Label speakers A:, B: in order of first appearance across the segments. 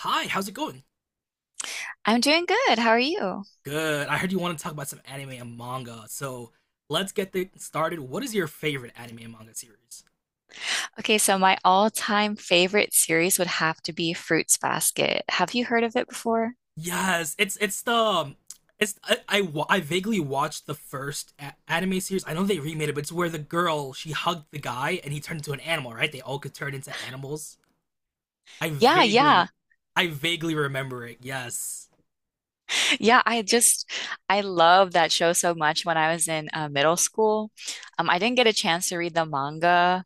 A: Hi, how's it going?
B: I'm doing good. How are you?
A: Good. I heard you want to talk about some anime and manga, so let's get things started. What is your favorite anime and manga series?
B: Okay, so my all-time favorite series would have to be Fruits Basket. Have you heard of it before?
A: Yes, it's the it's I, wa- I vaguely watched the first anime series. I know they remade it, but it's where the girl she hugged the guy and he turned into an animal, right? They all could turn into animals. I
B: Yeah,
A: vaguely
B: yeah.
A: I vaguely remember it. Yes.
B: Yeah, I just I love that show so much when I was in middle school. I didn't get a chance to read the manga.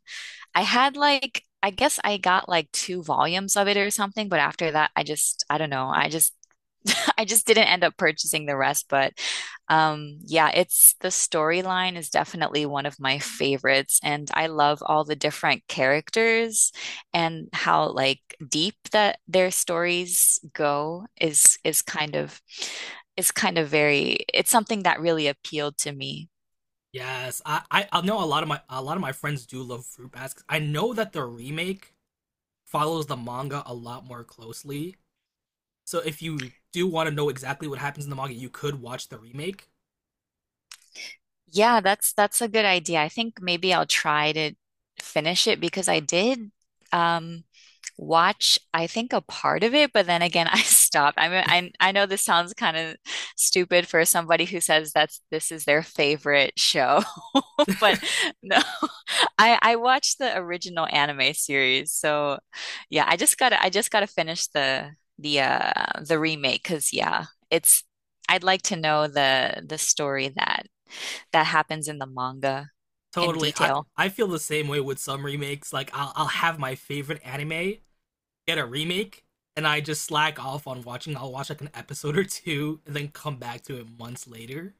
B: I had like I guess I got like two volumes of it or something, but after that I don't know. I just I just didn't end up purchasing the rest, but yeah, it's the storyline is definitely one of my favorites, and I love all the different characters and how like deep that their stories go is kind of very it's something that really appealed to me.
A: Yes. I know a lot of my friends do love Fruit Basket. I know that the remake follows the manga a lot more closely. So if you do want to know exactly what happens in the manga, you could watch the remake.
B: Yeah, that's a good idea. I think maybe I'll try to finish it because I did. Um, Watch, I think, a part of it, but then again, I stopped. I mean, I know this sounds kind of stupid for somebody who says that's this is their favorite show, but no, I watched the original anime series. So yeah, I just gotta finish the remake because yeah, it's I'd like to know the story that happens in the manga in
A: Totally, I
B: detail.
A: I feel the same way with some remakes. Like I'll have my favorite anime get a remake, and I just slack off on watching. I'll watch like an episode or two, and then come back to it months later.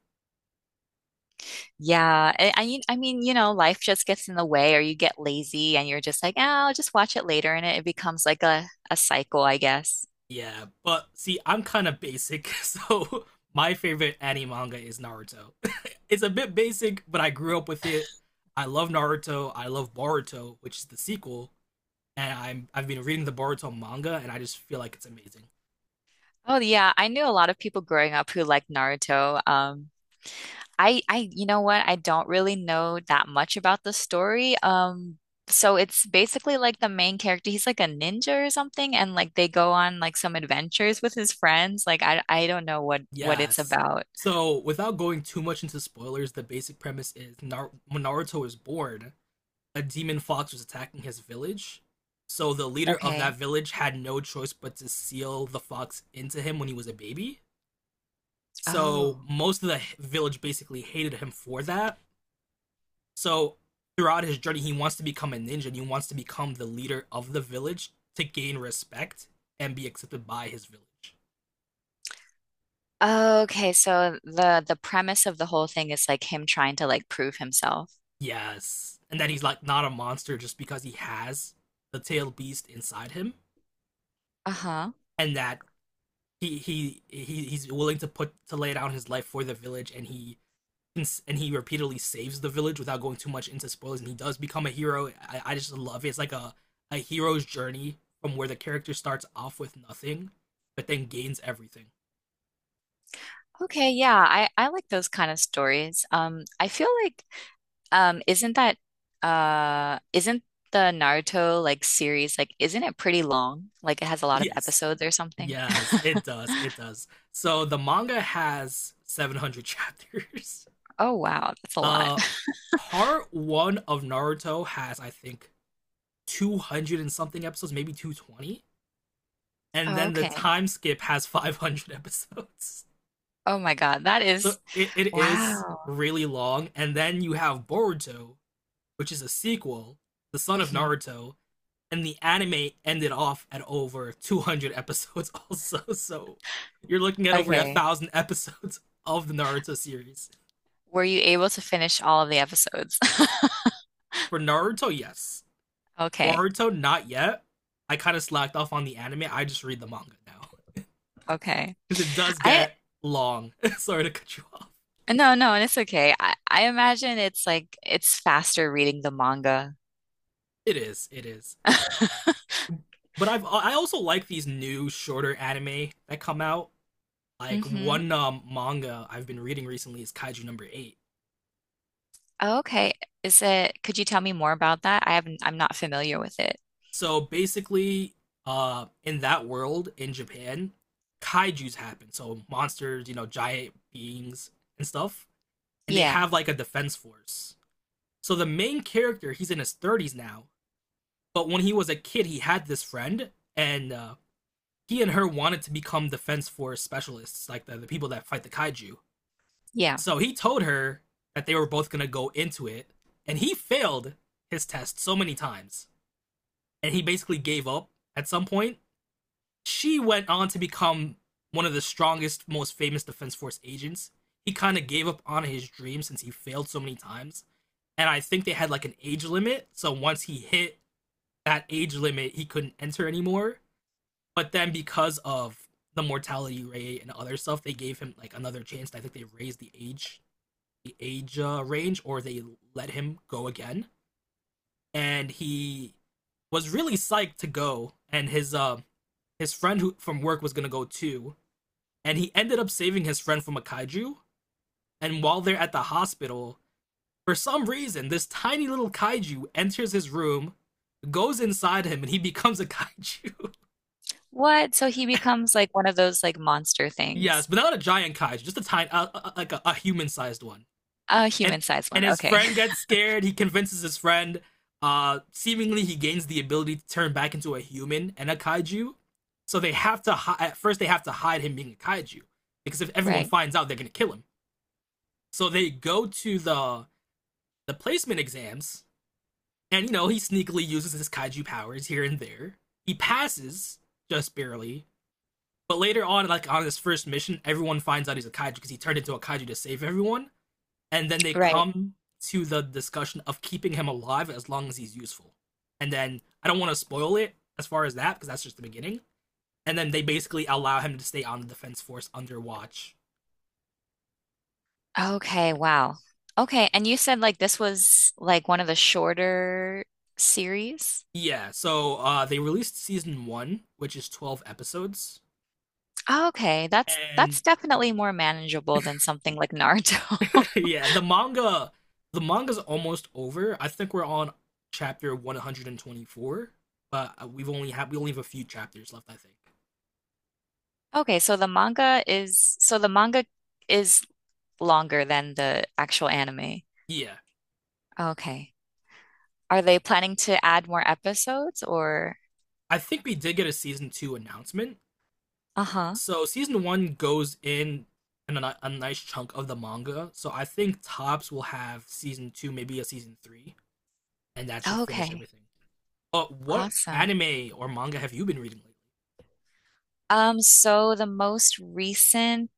B: Yeah, I mean, you know, life just gets in the way, or you get lazy, and you're just like, oh, I'll just watch it later, and it becomes like a cycle, I guess.
A: Yeah, but see, I'm kind of basic, so my favorite anime manga is Naruto. It's a bit basic, but I grew up with it. I love Naruto. I love Boruto, which is the sequel. And I've been reading the Boruto manga, and I just feel like it's amazing.
B: Oh yeah, I knew a lot of people growing up who liked Naruto. I you know what? I don't really know that much about the story. So it's basically like the main character, he's like a ninja or something, and like they go on like some adventures with his friends. Like I don't know what it's
A: Yes.
B: about.
A: So without going too much into spoilers, the basic premise is when Naruto is born, a demon fox was attacking his village. So the leader of
B: Okay.
A: that village had no choice but to seal the fox into him when he was a baby. So
B: Oh.
A: most of the village basically hated him for that. So throughout his journey, he wants to become a ninja and he wants to become the leader of the village to gain respect and be accepted by his village.
B: Oh, okay, so the premise of the whole thing is like him trying to like prove himself.
A: Yes. And that he's like not a monster just because he has the tailed beast inside him
B: Uh-huh.
A: and that he's willing to put to lay down his life for the village and he repeatedly saves the village without going too much into spoilers and he does become a hero. I just love it. It's like a hero's journey from where the character starts off with nothing but then gains everything.
B: Okay, yeah, I like those kind of stories. I feel like um isn't that isn't the Naruto like series like isn't it pretty long? Like it has a lot of
A: Yes.
B: episodes or something?
A: Yes, it does. It does. So the manga has 700 chapters.
B: Oh wow, that's a lot.
A: Uh part one of Naruto has, I think, 200 and something episodes, maybe 220. And
B: Oh,
A: then the
B: okay.
A: time skip has 500 episodes.
B: Oh my God, that
A: So
B: is
A: it is
B: wow.
A: really long. And then you have Boruto, which is a sequel, the son of
B: Hmm.
A: Naruto. And the anime ended off at over 200 episodes, also. So you're looking at over a
B: Okay.
A: thousand episodes of the Naruto series.
B: Were you able to finish all of the episodes?
A: For Naruto, yes.
B: Okay.
A: Boruto, not yet. I kind of slacked off on the anime. I just read the manga now
B: Okay.
A: because it does
B: I
A: get long. Sorry to cut you off.
B: no, no, it's okay. I imagine it's like it's faster reading the manga.
A: It is. It is. But I've I also like these new shorter anime that come out. Like
B: Mm-hmm.
A: one manga I've been reading recently is Kaiju No. 8.
B: Oh, okay. Is it, could you tell me more about that? I haven't, I'm not familiar with it.
A: So basically, in that world in Japan, kaiju's happen. So monsters, giant beings and stuff. And they
B: Yeah.
A: have like a defense force. So the main character, he's in his 30s now. But when he was a kid, he had this friend, and he and her wanted to become defense force specialists, like the people that fight the kaiju.
B: Yeah.
A: So he told her that they were both gonna go into it, and he failed his test so many times, and he basically gave up at some point. She went on to become one of the strongest, most famous defense force agents. He kind of gave up on his dream since he failed so many times, and I think they had like an age limit. So once he hit that age limit, he couldn't enter anymore. But then because of the mortality rate and other stuff, they gave him like another chance. I think they raised the age range or they let him go again. And he was really psyched to go and his friend who from work was gonna go too. And he ended up saving his friend from a kaiju. And while they're at the hospital, for some reason, this tiny little kaiju enters his room, goes inside him, and he becomes a kaiju.
B: What? So he becomes like one of those like monster
A: Yes,
B: things.
A: but not a giant kaiju, just a tiny, like a human-sized one.
B: A
A: And
B: human-sized one.
A: and his
B: Okay.
A: friend gets scared. He convinces his friend. Seemingly he gains the ability to turn back into a human and a kaiju. So they have to at first they have to hide him being a kaiju because if everyone
B: Right.
A: finds out, they're gonna kill him. So they go to the placement exams, and you know he sneakily uses his kaiju powers here and there. He passes just barely. But later on, like on his first mission, everyone finds out he's a kaiju because he turned into a kaiju to save everyone, and then they
B: Right.
A: come to the discussion of keeping him alive as long as he's useful. And then I don't want to spoil it as far as that because that's just the beginning. And then they basically allow him to stay on the defense force under watch.
B: Okay. Wow. Okay. And you said like this was like one of the shorter series?
A: Yeah, so they released season 1, which is 12 episodes,
B: Okay, that's
A: and
B: that's definitely more manageable than something like Naruto.
A: yeah, the manga's almost over. I think we're on chapter 124, but we only have a few chapters left, I think.
B: Okay, so the manga is longer than the actual anime.
A: Yeah.
B: Okay. Are they planning to add more episodes or?
A: I think we did get a season 2 announcement.
B: Uh-huh.
A: So season 1 goes in and a nice chunk of the manga. So I think Tops will have season 2, maybe a season 3, and that should finish
B: Okay.
A: everything. But what
B: Awesome.
A: anime or manga have you been reading lately?
B: So the most recent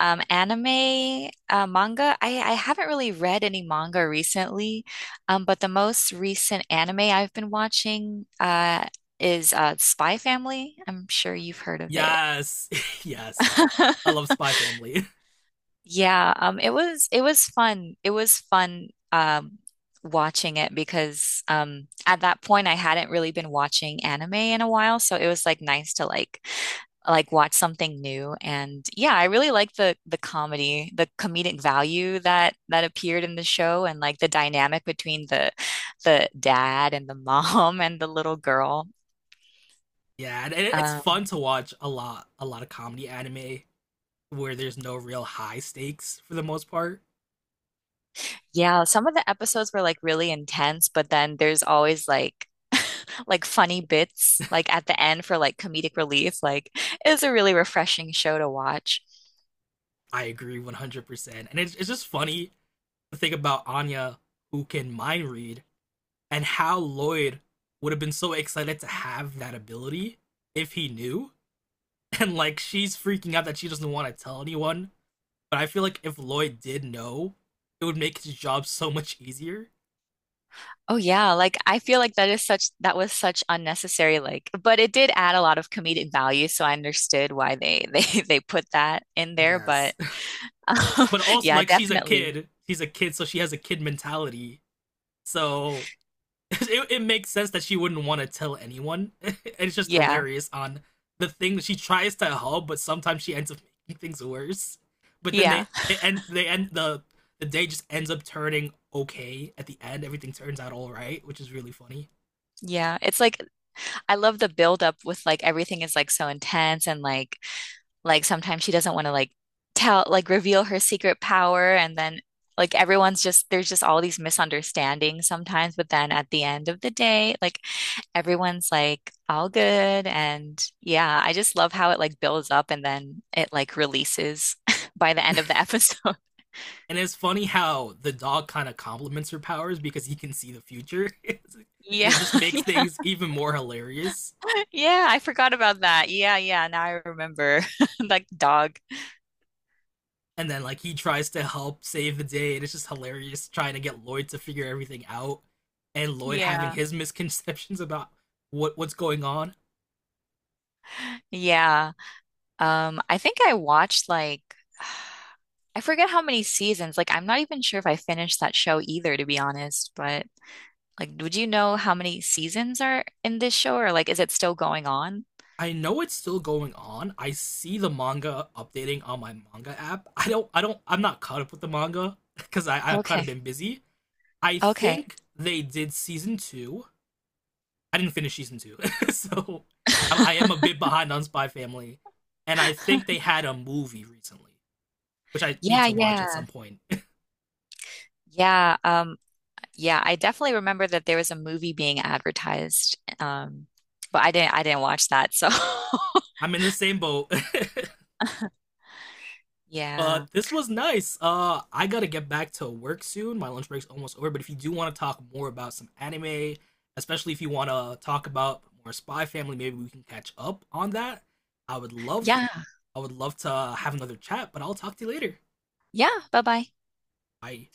B: anime manga, I haven't really read any manga recently, but the most recent anime I've been watching is Spy Family. I'm sure you've heard of it.
A: Yes. Yes. I love Spy Family.
B: Yeah, it was fun. It was fun watching it because at that point I hadn't really been watching anime in a while, so it was like nice to like watch something new. And yeah, I really like the comedy, the comedic value that appeared in the show, and like the dynamic between the dad and the mom and the little girl.
A: Yeah, and it's
B: um,
A: fun to watch a lot of comedy anime where there's no real high stakes for the most part.
B: Yeah, some of the episodes were like really intense, but then there's always like like funny bits like at the end for like comedic relief. Like it's a really refreshing show to watch.
A: I agree 100%. And it's just funny to think about Anya, who can mind read, and how Lloyd would have been so excited to have that ability if he knew. And like, she's freaking out that she doesn't want to tell anyone. But I feel like if Lloyd did know, it would make his job so much easier.
B: Oh yeah, like I feel like that was such unnecessary like but it did add a lot of comedic value, so I understood why they they put that in there,
A: Yes.
B: but um,
A: But also,
B: yeah,
A: like, she's a
B: definitely.
A: kid. She's a kid, so she has a kid mentality. So it makes sense that she wouldn't want to tell anyone. It's just
B: Yeah.
A: hilarious on the thing she tries to help, but sometimes she ends up making things worse. But then
B: Yeah.
A: they end the day just ends up turning okay at the end. Everything turns out all right, which is really funny.
B: Yeah. It's like I love the build up with like everything is like so intense and like sometimes she doesn't want to like tell, like reveal her secret power. And then like everyone's just, there's just all these misunderstandings sometimes. But then at the end of the day, like everyone's like all good. And yeah, I just love how it like builds up and then it like releases by the end of the episode.
A: And it's funny how the dog kind of complements her powers because he can see the future, and
B: Yeah.
A: it just makes things even more hilarious
B: Yeah. I forgot about that. Yeah. Yeah. Now I remember. Like dog.
A: and then like he tries to help save the day, and it's just hilarious trying to get Lloyd to figure everything out, and Lloyd having
B: Yeah.
A: his misconceptions about what's going on.
B: Yeah. I think I watched like I forget how many seasons. Like I'm not even sure if I finished that show either, to be honest. But like, would you know how many seasons are in this show, or like, is it still going on?
A: I know it's still going on. I see the manga updating on my manga app. I'm not caught up with the manga because I've kind of
B: Okay.
A: been busy. I
B: Okay.
A: think they did season 2. I didn't finish season 2, so I am a bit behind on Spy Family, and I think they had a movie recently, which I need
B: Yeah,
A: to watch at
B: yeah.
A: some point.
B: Yeah, yeah, I definitely remember that there was a movie being advertised. But I didn't watch that, so
A: I'm in the same boat. uh,
B: yeah.
A: this was nice. I gotta get back to work soon. My lunch break's almost over. But if you do want to talk more about some anime, especially if you want to talk about more Spy Family, maybe we can catch up on that. I would love,
B: Yeah.
A: I would love to have another chat. But I'll talk to you later.
B: Yeah, bye-bye.
A: Bye.